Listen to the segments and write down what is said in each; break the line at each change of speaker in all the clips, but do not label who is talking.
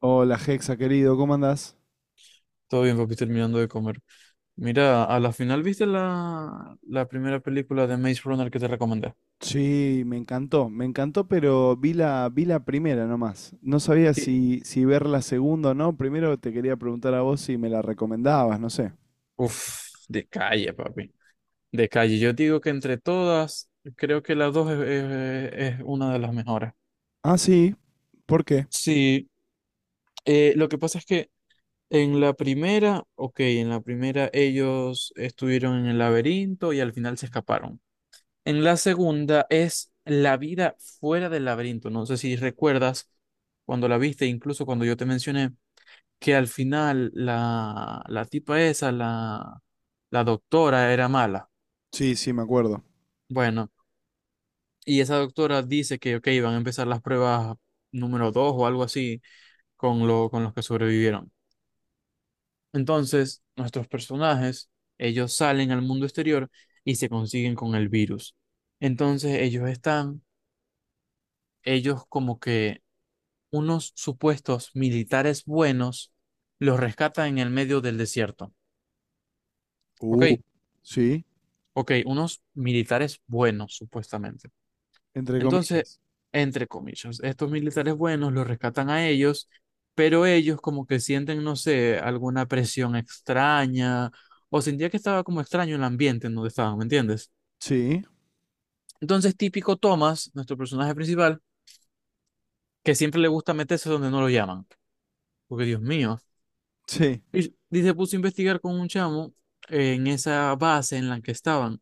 Hola, Hexa, querido, ¿cómo andás?
Todo bien, papi, terminando de comer. Mira, a la final viste la primera película de Maze Runner que te recomendé.
Sí, me encantó, pero vi la primera nomás. No sabía
Y-
si ver la segunda o no. Primero te quería preguntar a vos si me la recomendabas, no sé.
Uf, de calle, papi. De calle. Yo digo que entre todas, creo que la dos es una de las mejores.
Ah, sí, ¿por qué?
Sí, lo que pasa es que en la primera, ok, en la primera ellos estuvieron en el laberinto y al final se escaparon. En la segunda es la vida fuera del laberinto. No sé si recuerdas cuando la viste, incluso cuando yo te mencioné que al final la tipa esa, la doctora, era mala.
Sí, sí, me acuerdo.
Bueno, y esa doctora dice que, ok, van a empezar las pruebas número 2 o algo así con los que sobrevivieron. Entonces, nuestros personajes, ellos salen al mundo exterior y se consiguen con el virus. Entonces, ellos como que unos supuestos militares buenos los rescatan en el medio del desierto. ¿Ok?
Uh, sí,
Ok, unos militares buenos, supuestamente.
entre
Entonces,
comillas.
entre comillas, estos militares buenos los rescatan a ellos, pero ellos como que sienten, no sé, alguna presión extraña, o sentía que estaba como extraño el ambiente en donde estaban, ¿me entiendes?
Sí,
Entonces, típico Thomas, nuestro personaje principal, que siempre le gusta meterse donde no lo llaman, porque Dios mío.
sí.
Y se puso a investigar con un chamo en esa base en la que estaban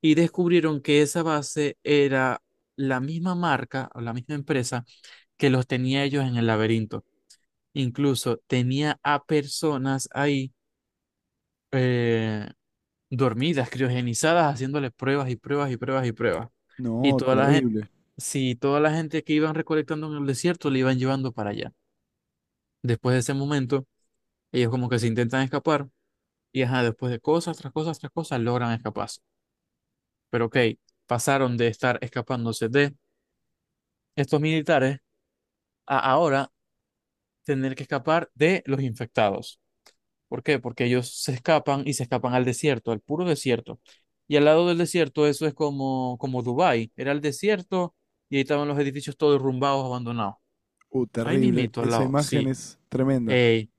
y descubrieron que esa base era la misma marca o la misma empresa que los tenía ellos en el laberinto. Incluso tenía a personas ahí eh, dormidas, criogenizadas, haciéndoles pruebas y pruebas y pruebas y pruebas. Y
No,
toda la gente,
terrible.
si toda la gente que iban recolectando en el desierto le iban llevando para allá. Después de ese momento, ellos como que se intentan escapar. Y ajá, después de cosas, tras cosas, tras cosas, logran escaparse. Pero ok, pasaron de estar escapándose de estos militares a ahora tener que escapar de los infectados. ¿Por qué? Porque ellos se escapan y se escapan al desierto, al puro desierto. Y al lado del desierto, eso es como Dubái. Era el desierto y ahí estaban los edificios todos derrumbados, abandonados. Ahí
Terrible.
mismito, al
Esa
lado,
imagen
sí.
es tremenda.
Ey,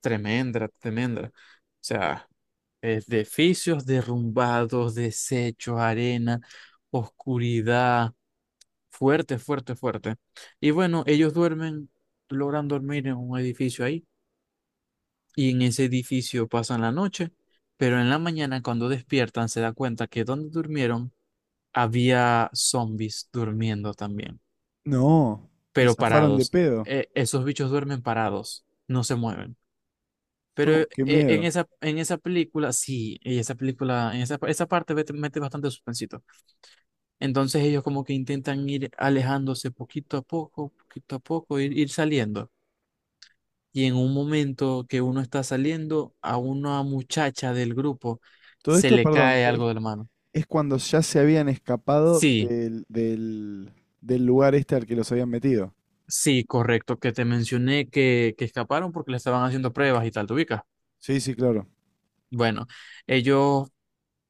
tremenda, tremenda. O sea. Edificios derrumbados, desechos, arena, oscuridad. Fuerte, fuerte, fuerte. Y bueno, ellos duermen, logran dormir en un edificio ahí, y en ese edificio pasan la noche, pero en la mañana cuando despiertan se da cuenta que donde durmieron había zombies durmiendo también,
No, y
pero
zafaron de
parados.
pedo.
Esos bichos duermen parados, no se mueven. Pero
No, qué
en
miedo.
esa, en esa película, sí, en esa película, en esa parte mete bastante suspensito. Entonces ellos como que intentan ir alejándose poquito a poco, ir saliendo. Y en un momento que uno está saliendo, a una muchacha del grupo
Todo
se
esto,
le
perdón.
cae algo de la mano.
Es cuando ya se habían escapado
Sí,
del del, lugar este al que los habían metido.
sí, correcto, que te mencioné que escaparon porque le estaban haciendo pruebas y tal, ¿te ubicas?
Sí, sí, claro.
Bueno, ellos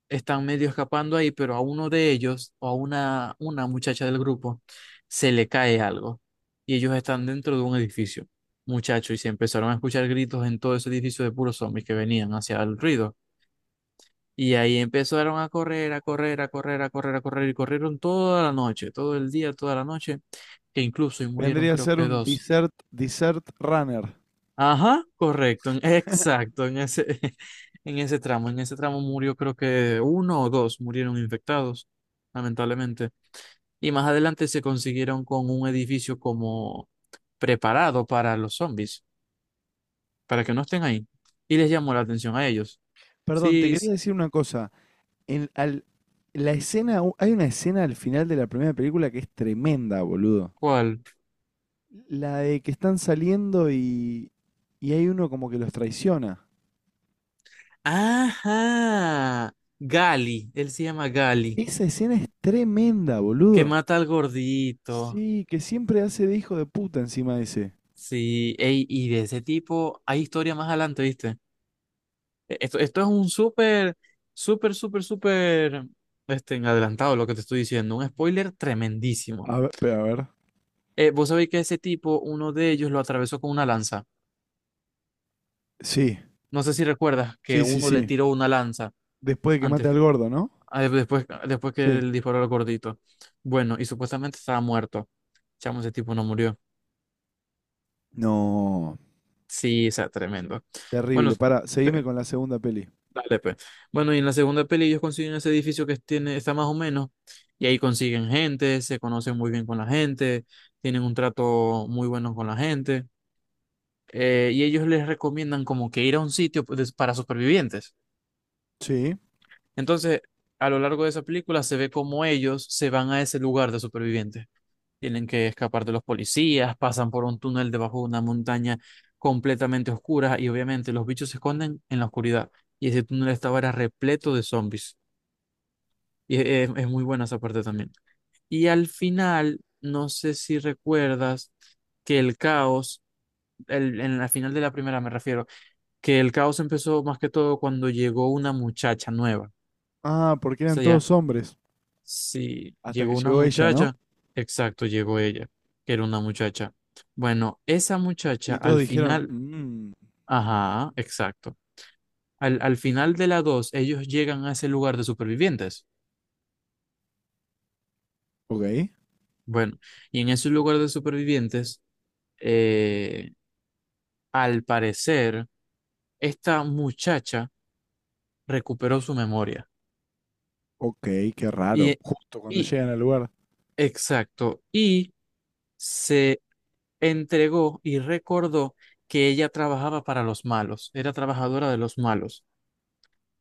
están medio escapando ahí, pero a uno de ellos o a una muchacha del grupo se le cae algo y ellos están dentro de un edificio, muchacho y se empezaron a escuchar gritos en todo ese edificio de puros zombies que venían hacia el ruido. Y ahí empezaron a correr, a correr, a correr, a correr, a correr, y corrieron toda la noche, todo el día, toda la noche, que incluso y murieron
Vendría a
creo
ser
que
un
dos.
desert, desert runner.
Ajá, correcto, exacto, en ese, en ese tramo murió creo que uno o dos murieron infectados, lamentablemente. Y más adelante se consiguieron con un edificio como preparado para los zombies, para que no estén ahí. Y les llamó la atención a ellos.
Perdón, te
Sí,
quería decir una cosa. En al- la escena, hay una escena al final de la primera película que es tremenda, boludo.
¿cuál?
La de que están saliendo y hay uno como que los traiciona.
Ajá, Gali, él se llama Gali,
Esa escena es tremenda,
que
boludo.
mata al gordito.
Sí, que siempre hace de hijo de puta encima de ese.
Sí, ey, y de ese tipo hay historia más adelante, ¿viste? Esto es un súper, súper, súper, súper este, en adelantado lo que te estoy diciendo. Un spoiler tremendísimo.
A ver, espera, a ver.
Vos sabéis que ese tipo, uno de ellos lo atravesó con una lanza.
Sí.
No sé si recuerdas que
Sí, sí,
uno le
sí.
tiró una lanza
Después de que mate
antes,
al gordo, ¿no?
después que
Sí.
él disparó al gordito. Bueno, y supuestamente estaba muerto. Chamo, ese tipo no murió.
No,
Sí, o sea, tremendo. Bueno,
terrible. Para, seguime con la segunda peli.
dale, pues. Bueno, y en la segunda peli ellos consiguen ese edificio que tiene, está más o menos, y ahí consiguen gente, se conocen muy bien con la gente, tienen un trato muy bueno con la gente, y ellos les recomiendan como que ir a un sitio pues, para supervivientes.
Sí.
Entonces, a lo largo de esa película se ve como ellos se van a ese lugar de supervivientes. Tienen que escapar de los policías, pasan por un túnel debajo de una montaña completamente oscura y obviamente los bichos se esconden en la oscuridad. Y ese túnel estaba era repleto de zombies. Y es muy buena esa parte también. Y al final, no sé si recuerdas que el caos, en la final de la primera me refiero, que el caos empezó más que todo cuando llegó una muchacha nueva. O
Ah, porque eran
sea, ya,
todos hombres.
sí,
Hasta
llegó
que
una
llegó ella, ¿no?
muchacha, exacto, llegó ella, que era una muchacha. Bueno, esa muchacha
Y todos
al
dijeron,
final,
mmm,
ajá, exacto. Al final de la dos, ellos llegan a ese lugar de supervivientes.
ok,
Bueno, y en ese lugar de supervivientes, eh, Al parecer, esta muchacha recuperó su memoria.
ok, qué raro.
Y,
Justo cuando
y,
llegan al lugar.
exacto, y se entregó y recordó que ella trabajaba para los malos, era trabajadora de los malos.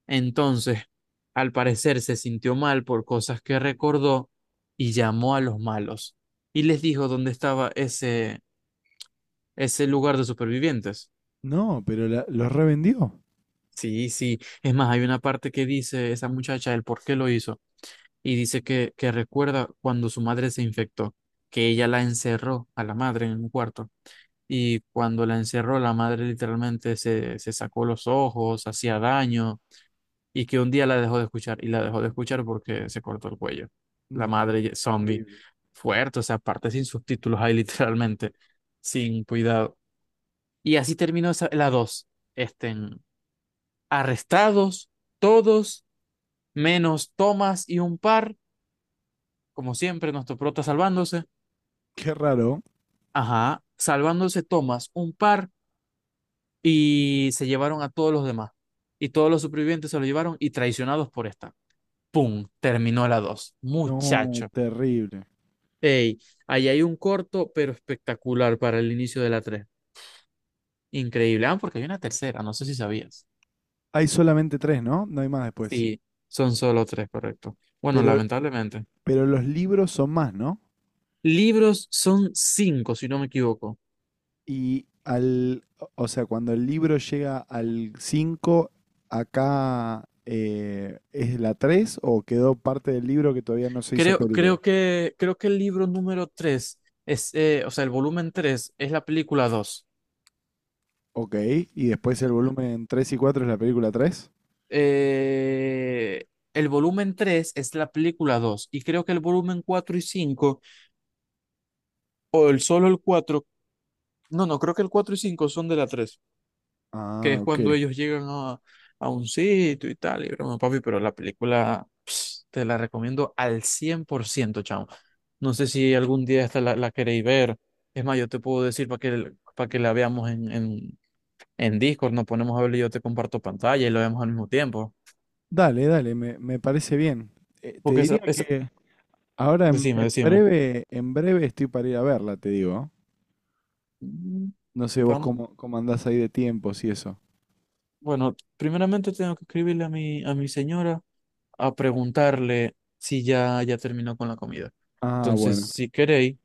Entonces, al parecer, se sintió mal por cosas que recordó y llamó a los malos y les dijo dónde estaba ese lugar de supervivientes.
No, pero los revendió.
Sí, sí. Es más, hay una parte que dice esa muchacha el por qué lo hizo. Y dice que recuerda cuando su madre se infectó, que ella la encerró a la madre en un cuarto. Y cuando la encerró, la madre literalmente se sacó los ojos, hacía daño, y que un día la dejó de escuchar, y la dejó de escuchar porque se cortó el cuello. La
No,
madre zombie,
terrible.
fuerte, o sea, aparte sin subtítulos ahí literalmente, sin cuidado. Y así terminó la 2 este, arrestados, todos, menos Tomás y un par, como siempre, nuestro prota salvándose.
Qué raro.
Ajá, salvándose Tomás, un par, y se llevaron a todos los demás. Y todos los supervivientes se lo llevaron y traicionados por esta. ¡Pum! Terminó la dos,
No,
muchacho.
terrible.
Ey, ahí hay un corto, pero espectacular para el inicio de la tres. Increíble. Ah, porque hay una tercera, no sé si sabías.
Hay solamente tres, ¿no? No hay más después.
Sí, son solo tres, correcto. Bueno,
Pero,
lamentablemente.
pero los libros son más, ¿no?
Libros son cinco, si no me equivoco.
Y al, o sea, cuando el libro llega al 5 acá es la 3 o quedó parte del libro que todavía no se hizo
Creo,
película.
creo que, creo que el libro número 3 es, o sea, el volumen 3 es la película dos.
Ok, y después el volumen 3 y 4 es la película tres.
Eh, el volumen 3 es la película 2 y creo que el volumen 4 y 5 o el solo el 4 no, no, creo que el cuatro y 5 son de la 3 que
Ah,
es
ok.
cuando ellos llegan a, un sitio y tal, y broma, papi, pero la película pss, te la recomiendo al 100% chamo. No sé si algún día esta la queréis ver. Es más, yo te puedo decir para que, la veamos en Discord nos ponemos a hablar y yo te comparto pantalla y lo vemos al mismo tiempo.
Dale, dale, me parece bien. Te
Porque
diría
esa.
que ahora
Decime, decime.
en breve estoy para ir a verla, te digo.
Mm,
No sé vos
vam-
cómo andás ahí de tiempos y eso.
Bueno, primeramente tengo que escribirle a mi señora a preguntarle si ya terminó con la comida.
Ah,
Entonces,
bueno.
si queréis,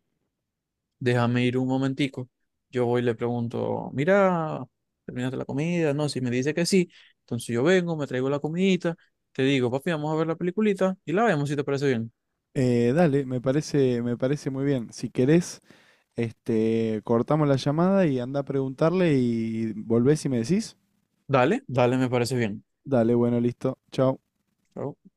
déjame ir un momentico. Yo voy y le pregunto, mira, ¿terminaste la comida? No, si me dice que sí, entonces yo vengo, me traigo la comidita, te digo, papi, vamos a ver la peliculita y la vemos si te parece bien.
Dale, me parece muy bien. Si querés, este, cortamos la llamada y anda a preguntarle y volvés y me decís.
Dale, dale, me parece bien.
Dale, bueno, listo. Chao.
Chao.